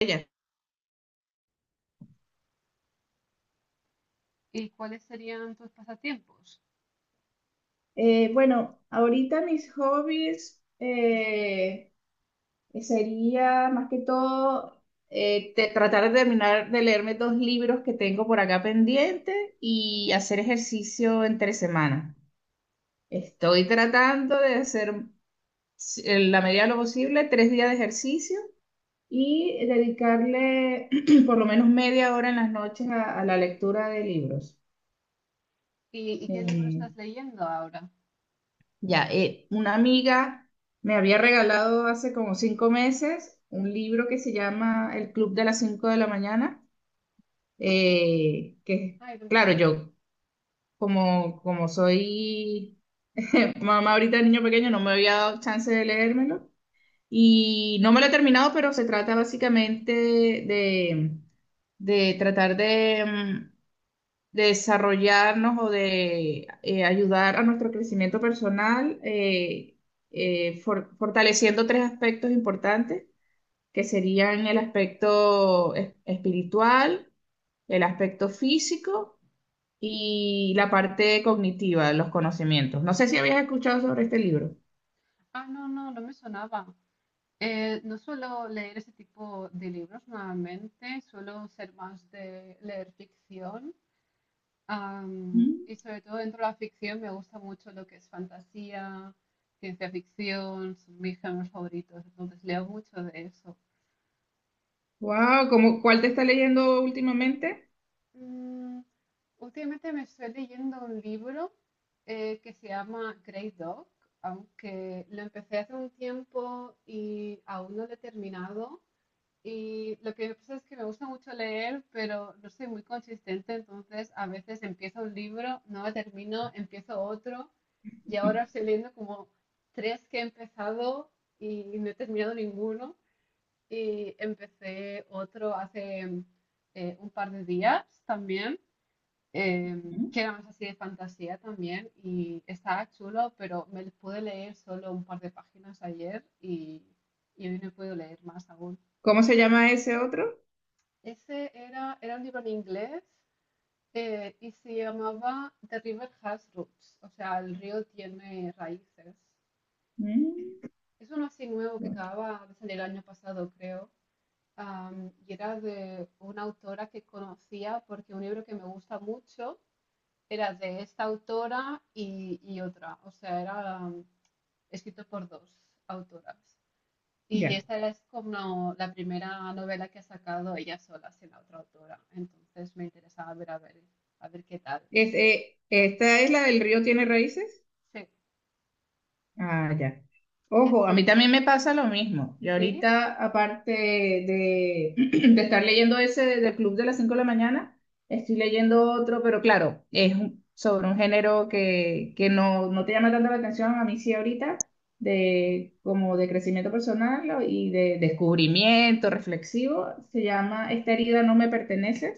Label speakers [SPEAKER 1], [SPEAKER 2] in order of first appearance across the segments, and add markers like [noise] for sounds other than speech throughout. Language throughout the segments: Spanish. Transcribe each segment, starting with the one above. [SPEAKER 1] Ella.
[SPEAKER 2] ¿Y cuáles serían tus pasatiempos?
[SPEAKER 1] Bueno, ahorita mis hobbies sería más que todo tratar de terminar de leerme dos libros que tengo por acá pendiente y hacer ejercicio entre semana. Estoy tratando de hacer en la medida de lo posible 3 días de ejercicio y dedicarle [clears throat] por lo menos media hora en las noches a la lectura de libros.
[SPEAKER 2] ¿Y qué libro
[SPEAKER 1] Eh,
[SPEAKER 2] estás leyendo ahora?
[SPEAKER 1] Ya, una amiga me había regalado hace como 5 meses un libro que se llama El Club de las Cinco de la Mañana, que
[SPEAKER 2] Ay, no me
[SPEAKER 1] claro,
[SPEAKER 2] suena.
[SPEAKER 1] yo como soy mamá ahorita de niño pequeño no me había dado chance de leérmelo y no me lo he terminado, pero se trata básicamente de tratar de desarrollarnos o de ayudar a nuestro crecimiento personal, fortaleciendo tres aspectos importantes, que serían el aspecto espiritual, el aspecto físico y la parte cognitiva, los conocimientos. No sé si habías escuchado sobre este libro.
[SPEAKER 2] Ah, no, no, no me sonaba. No suelo leer ese tipo de libros normalmente, suelo ser más de leer ficción. Y sobre todo dentro de la ficción me gusta mucho lo que es fantasía, ciencia ficción, son mis géneros favoritos, entonces leo mucho de eso.
[SPEAKER 1] Wow, ¿cómo, cuál te está leyendo últimamente?
[SPEAKER 2] Mm, últimamente me estoy leyendo un libro que se llama Grey Dog, aunque lo empecé hace un tiempo y aún no lo he terminado. Y lo que pasa es que me gusta mucho leer, pero no soy muy consistente, entonces a veces empiezo un libro, no lo termino, empiezo otro y ahora estoy leyendo como tres que he empezado y no he terminado ninguno. Y empecé otro hace un par de días también eh,
[SPEAKER 1] Ujú.
[SPEAKER 2] que era más así de fantasía también y estaba chulo, pero me pude leer solo un par de páginas ayer y hoy no he podido leer más aún.
[SPEAKER 1] ¿Cómo se llama ese otro?
[SPEAKER 2] Ese era un libro en inglés y se llamaba The River Has Roots, o sea, el río tiene raíces.
[SPEAKER 1] Mm,
[SPEAKER 2] Es uno así nuevo que
[SPEAKER 1] bueno.
[SPEAKER 2] acababa de salir el año pasado, creo. Y era de una autora que conocía porque un libro que me gusta mucho era de esta autora y otra, o sea, era escrito por dos autoras. Y
[SPEAKER 1] Ya.
[SPEAKER 2] esta es como la primera novela que ha sacado ella sola sin la otra autora, entonces me interesaba ver a ver, a ver qué tal.
[SPEAKER 1] Es, ¿esta es la del río tiene raíces?
[SPEAKER 2] Sí,
[SPEAKER 1] Ah, ya. Ojo, a
[SPEAKER 2] sí,
[SPEAKER 1] mí también me pasa lo mismo. Y
[SPEAKER 2] sí,
[SPEAKER 1] ahorita, aparte [clears throat] de estar leyendo ese del Club de las cinco de la mañana, estoy leyendo otro, pero claro, sobre un género que no te llama tanto la atención, a mí sí ahorita, como de crecimiento personal y de descubrimiento reflexivo. Se llama Esta herida no me pertenece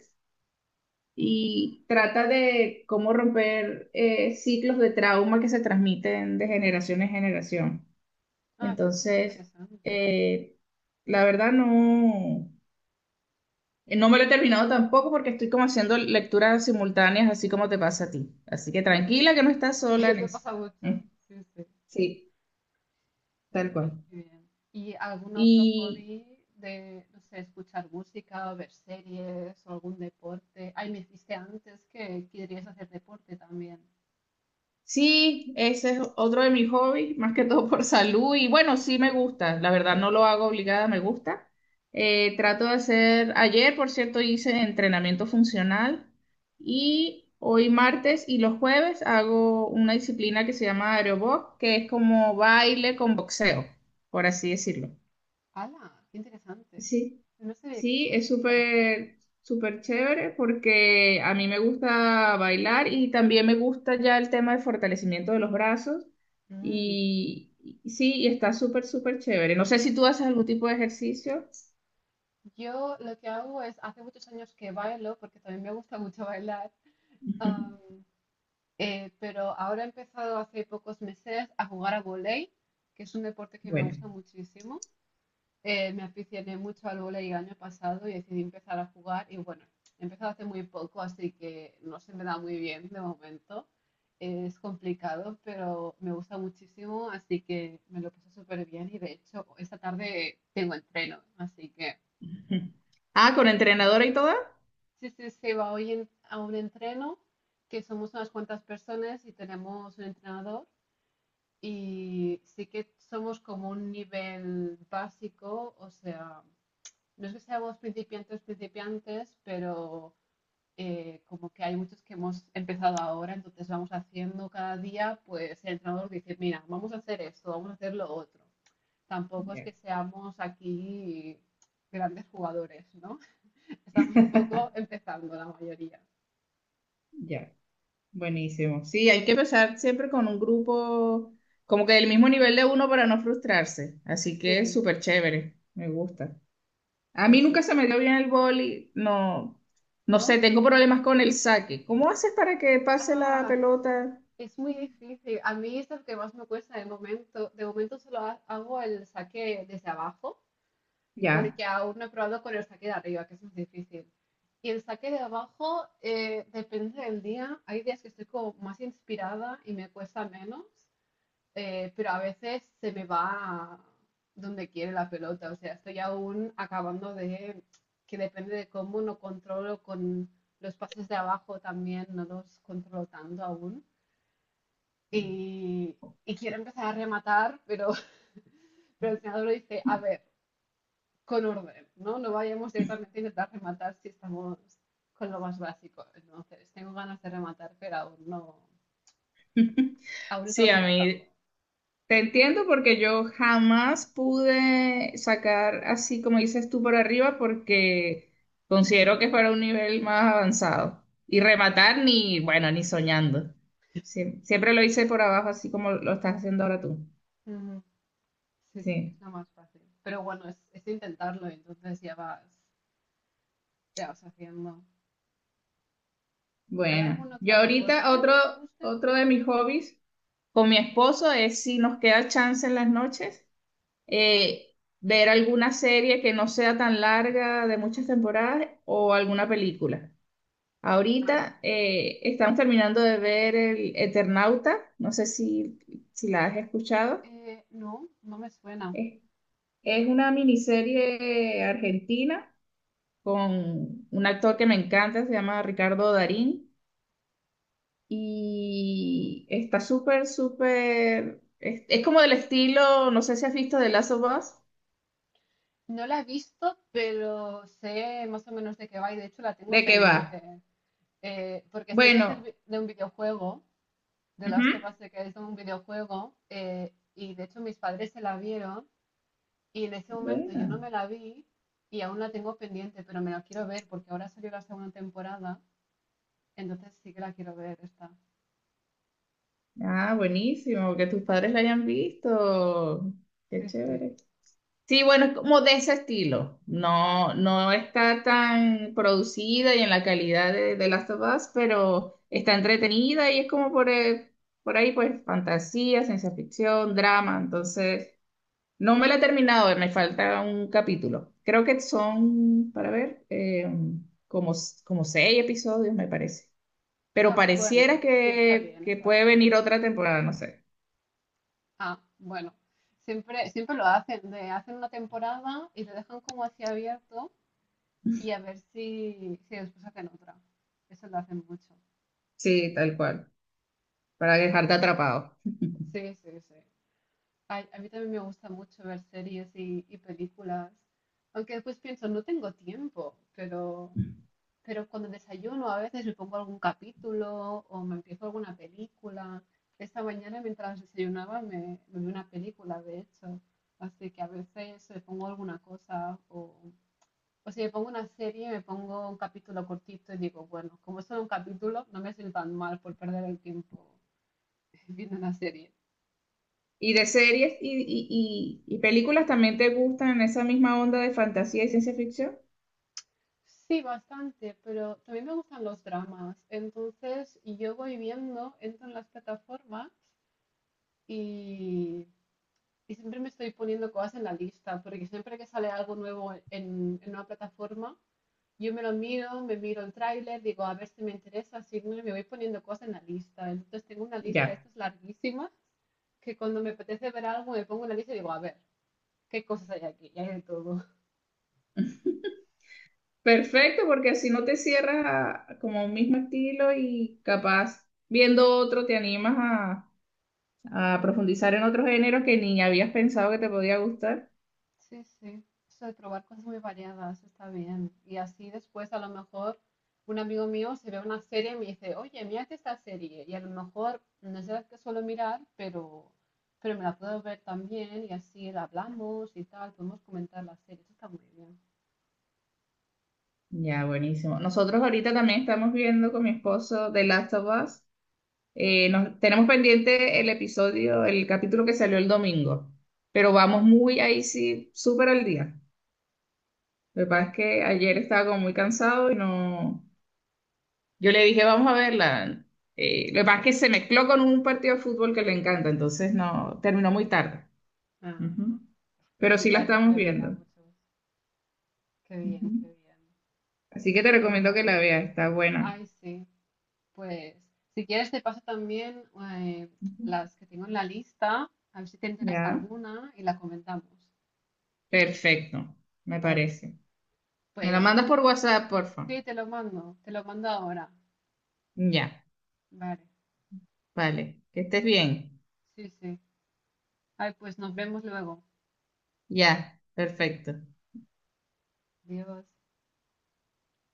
[SPEAKER 1] y trata de cómo romper ciclos de trauma que se transmiten de generación en generación.
[SPEAKER 2] ah, eso es muy
[SPEAKER 1] Entonces,
[SPEAKER 2] interesante.
[SPEAKER 1] eh, la verdad no me lo he terminado tampoco porque estoy como haciendo lecturas simultáneas, así como te pasa a ti. Así que tranquila que no estás
[SPEAKER 2] [laughs]
[SPEAKER 1] sola en
[SPEAKER 2] Eso
[SPEAKER 1] eso.
[SPEAKER 2] pasa
[SPEAKER 1] Mm.
[SPEAKER 2] mucho, sí, sí.
[SPEAKER 1] Sí, tal
[SPEAKER 2] Ay,
[SPEAKER 1] cual.
[SPEAKER 2] qué bien. ¿Y algún otro
[SPEAKER 1] Y
[SPEAKER 2] hobby de, no sé, escuchar música o ver series o algún deporte? Ay, me dijiste antes que querías hacer deporte también.
[SPEAKER 1] sí, ese es otro de mis hobbies, más que todo por salud. Y bueno, sí me gusta, la verdad no lo hago obligada, me gusta. Trato de hacer, ayer por cierto hice entrenamiento funcional y hoy martes y los jueves hago una disciplina que se llama aerobox, que es como baile con boxeo, por así decirlo.
[SPEAKER 2] ¡Hala! ¡Qué interesante!
[SPEAKER 1] Sí,
[SPEAKER 2] No sabía que
[SPEAKER 1] sí, es
[SPEAKER 2] existía.
[SPEAKER 1] súper, súper chévere porque a mí me gusta bailar y también me gusta ya el tema de fortalecimiento de los brazos
[SPEAKER 2] Mm.
[SPEAKER 1] y sí, y está súper, súper chévere. No sé si tú haces algún tipo de ejercicio.
[SPEAKER 2] Yo lo que hago es, hace muchos años que bailo, porque también me gusta mucho bailar,
[SPEAKER 1] [laughs]
[SPEAKER 2] am,
[SPEAKER 1] Ujú.
[SPEAKER 2] pero ahora he empezado hace pocos meses a jugar a volei, que es un deporte que me
[SPEAKER 1] Bueno.
[SPEAKER 2] gusta muchísimo. Me aficioné mucho al vóley el año pasado y decidí empezar a jugar y bueno, he empezado hace muy poco, así que no se me da muy bien de momento. Es complicado, pero me gusta muchísimo, así que me lo paso súper bien y de hecho esta tarde tengo entreno, así que
[SPEAKER 1] Ujú. Ah, con entrenadora y toda.
[SPEAKER 2] sí, sí, se va hoy a un entreno que somos unas cuantas personas y tenemos un entrenador y sí que somos como un nivel básico, o sea, no es que seamos principiantes, principiantes, pero como que hay muchos que hemos empezado ahora, entonces vamos haciendo cada día, pues el entrenador dice, mira, vamos a hacer esto, vamos a hacer lo otro. Tampoco es
[SPEAKER 1] Ya.
[SPEAKER 2] que seamos aquí grandes jugadores, ¿no? [laughs] Estamos un poco
[SPEAKER 1] [laughs]
[SPEAKER 2] empezando la mayoría.
[SPEAKER 1] Ya. Buenísimo. Sí, hay que empezar siempre con un grupo como que del mismo nivel de uno para no frustrarse. Así que es
[SPEAKER 2] Sí,
[SPEAKER 1] súper chévere, me gusta. A
[SPEAKER 2] sí,
[SPEAKER 1] mí
[SPEAKER 2] sí,
[SPEAKER 1] nunca se
[SPEAKER 2] sí.
[SPEAKER 1] me dio bien el vóley, no, no
[SPEAKER 2] ¿No?
[SPEAKER 1] sé, tengo problemas con el saque. ¿Cómo haces para que pase la
[SPEAKER 2] Ah,
[SPEAKER 1] pelota?
[SPEAKER 2] es muy difícil. A mí es lo que más me cuesta de momento. De momento solo hago el saque desde abajo
[SPEAKER 1] Ya.
[SPEAKER 2] porque aún no he probado con el saque de arriba, que es más difícil. Y el saque de abajo, depende del día. Hay días que estoy como más inspirada y me cuesta menos, pero a veces se me va donde quiere la pelota. O sea, estoy aún acabando de que depende de cómo no controlo con los pases de abajo también, no los controlo tanto aún.
[SPEAKER 1] Ya.
[SPEAKER 2] Y, y quiero empezar a rematar, pero, [laughs] pero el entrenador dice, a ver, con orden, ¿no? No vayamos directamente a intentar rematar si estamos con lo más básico. Entonces, tengo ganas de rematar, pero aún no,
[SPEAKER 1] [laughs]
[SPEAKER 2] aún
[SPEAKER 1] Sí,
[SPEAKER 2] estamos
[SPEAKER 1] a
[SPEAKER 2] empezando.
[SPEAKER 1] mí te entiendo porque yo jamás pude sacar así como dices tú por arriba porque considero que fuera un nivel más avanzado. Y rematar ni, bueno, ni soñando. Sí, siempre lo hice por abajo así como lo estás haciendo ahora tú.
[SPEAKER 2] Ujú. Sí, sí, es
[SPEAKER 1] Sí,
[SPEAKER 2] lo más fácil. Pero bueno, es intentarlo, entonces ya vas haciendo. ¿Hay
[SPEAKER 1] bueno.
[SPEAKER 2] algún otro deporte que te guste?
[SPEAKER 1] Otro de mis hobbies con mi esposo es si nos queda chance en las noches, eh, ver alguna serie que no sea tan larga de muchas temporadas o alguna película.
[SPEAKER 2] Ah,
[SPEAKER 1] Ahorita
[SPEAKER 2] eso está bien.
[SPEAKER 1] estamos terminando de ver el Eternauta, no sé si la has escuchado.
[SPEAKER 2] No, no me suena.
[SPEAKER 1] Es, es una miniserie argentina con un actor que me encanta, se llama Ricardo Darín, y está súper, súper, es como del estilo, no sé si has visto de Last of Us,
[SPEAKER 2] No la he visto, pero sé más o menos de qué va y de hecho la tengo
[SPEAKER 1] ¿de qué va?
[SPEAKER 2] pendiente. Porque sé que es
[SPEAKER 1] Bueno,
[SPEAKER 2] de un videojuego The
[SPEAKER 1] ujú.
[SPEAKER 2] Last of Us que es un videojuego y de hecho mis padres se la vieron y en ese momento yo no
[SPEAKER 1] Buena.
[SPEAKER 2] me la vi y aún la tengo pendiente, pero me la quiero ver porque ahora salió la segunda temporada, entonces sí que la quiero ver esta.
[SPEAKER 1] Ah, buenísimo, que tus padres la hayan visto. Qué
[SPEAKER 2] Sí, sí,
[SPEAKER 1] chévere. Sí, bueno, es como de ese estilo.
[SPEAKER 2] vale.
[SPEAKER 1] No, no está tan producida y en la calidad de Last of Us, pero está entretenida y es como por ahí, pues, fantasía, ciencia ficción, drama. Entonces, no me la he terminado, me falta un capítulo. Creo que son, para ver, como seis episodios, me parece. Pero
[SPEAKER 2] Ah,
[SPEAKER 1] pareciera
[SPEAKER 2] bueno, sí, está bien,
[SPEAKER 1] que
[SPEAKER 2] está
[SPEAKER 1] puede
[SPEAKER 2] bien.
[SPEAKER 1] venir otra temporada, no sé.
[SPEAKER 2] Ah, bueno, siempre, siempre lo hacen, de hacen una temporada y lo dejan como así abierto y a ver si, si después hacen otra. Eso lo hacen mucho.
[SPEAKER 1] Sí, tal cual, para dejarte atrapado. [laughs]
[SPEAKER 2] Sí, sí, sí. Ay, a mí también me gusta mucho ver series y películas, aunque después pienso, no tengo tiempo, pero cuando desayuno a veces me pongo algún capítulo o me empiezo alguna película. Esta mañana mientras desayunaba me, me vi una película, de hecho, así que a veces me pongo alguna cosa o si me pongo una serie, me pongo un capítulo cortito y digo, bueno, como es solo un capítulo, no me siento tan mal por perder el tiempo [laughs] viendo una serie.
[SPEAKER 1] Y de series y películas también te gustan en esa misma onda de fantasía y ciencia ficción.
[SPEAKER 2] Sí, bastante, pero también me gustan los dramas. Entonces, yo voy viendo, entro en las plataformas y, y siempre me estoy poniendo cosas en la lista, porque siempre que sale algo nuevo en una plataforma, yo me lo miro, me miro el tráiler, digo, a ver si me interesa, si no, me voy poniendo cosas en la lista. Entonces, tengo una lista de
[SPEAKER 1] Ya.
[SPEAKER 2] estas larguísimas que cuando me apetece ver algo, me pongo en la lista y digo, a ver, ¿qué cosas hay aquí? Y hay de todo.
[SPEAKER 1] Perfecto, porque así no te cierras como un mismo estilo y capaz viendo otro te animas a profundizar en otros géneros que ni habías pensado que te podía gustar.
[SPEAKER 2] Sí, sí. Eso de probar cosas muy variadas está bien. Y así después a lo mejor un amigo mío se ve una serie y me dice, oye, mírate esta serie. Y a lo mejor no es de las que suelo mirar, pero me la puedo ver también y así la hablamos y tal, podemos comentar la serie. Eso está muy bien.
[SPEAKER 1] Ya, buenísimo. Nosotros ahorita también estamos viendo con mi esposo The Last of Us. Tenemos pendiente el episodio, el capítulo que salió el domingo, pero vamos muy ahí sí, súper al día. Lo que pasa es que ayer estaba como muy cansado y no. Yo le dije, vamos a verla. Lo que pasa es que se mezcló con un partido de fútbol que le encanta, entonces no, terminó muy tarde.
[SPEAKER 2] Ah,
[SPEAKER 1] Ujú.
[SPEAKER 2] uy,
[SPEAKER 1] Pero
[SPEAKER 2] mi
[SPEAKER 1] sí la
[SPEAKER 2] padre
[SPEAKER 1] estamos
[SPEAKER 2] también mira
[SPEAKER 1] viendo.
[SPEAKER 2] mucho. Qué bien, qué
[SPEAKER 1] Ujú.
[SPEAKER 2] bien.
[SPEAKER 1] Así que te
[SPEAKER 2] Pues
[SPEAKER 1] recomiendo que
[SPEAKER 2] bueno.
[SPEAKER 1] la veas, está buena.
[SPEAKER 2] Ay, sí. Pues si quieres te paso también eh,
[SPEAKER 1] Ujú.
[SPEAKER 2] las que tengo en la lista, a ver si te interesa
[SPEAKER 1] Ya.
[SPEAKER 2] alguna y la comentamos.
[SPEAKER 1] Perfecto, me
[SPEAKER 2] Vale,
[SPEAKER 1] parece. Me la
[SPEAKER 2] pues
[SPEAKER 1] mandas por WhatsApp, porfa.
[SPEAKER 2] sí, te lo mando ahora.
[SPEAKER 1] Ya,
[SPEAKER 2] Vale,
[SPEAKER 1] vale. Que estés bien.
[SPEAKER 2] sí, sí. Ay, pues nos vemos luego.
[SPEAKER 1] Ya, perfecto.
[SPEAKER 2] Adiós.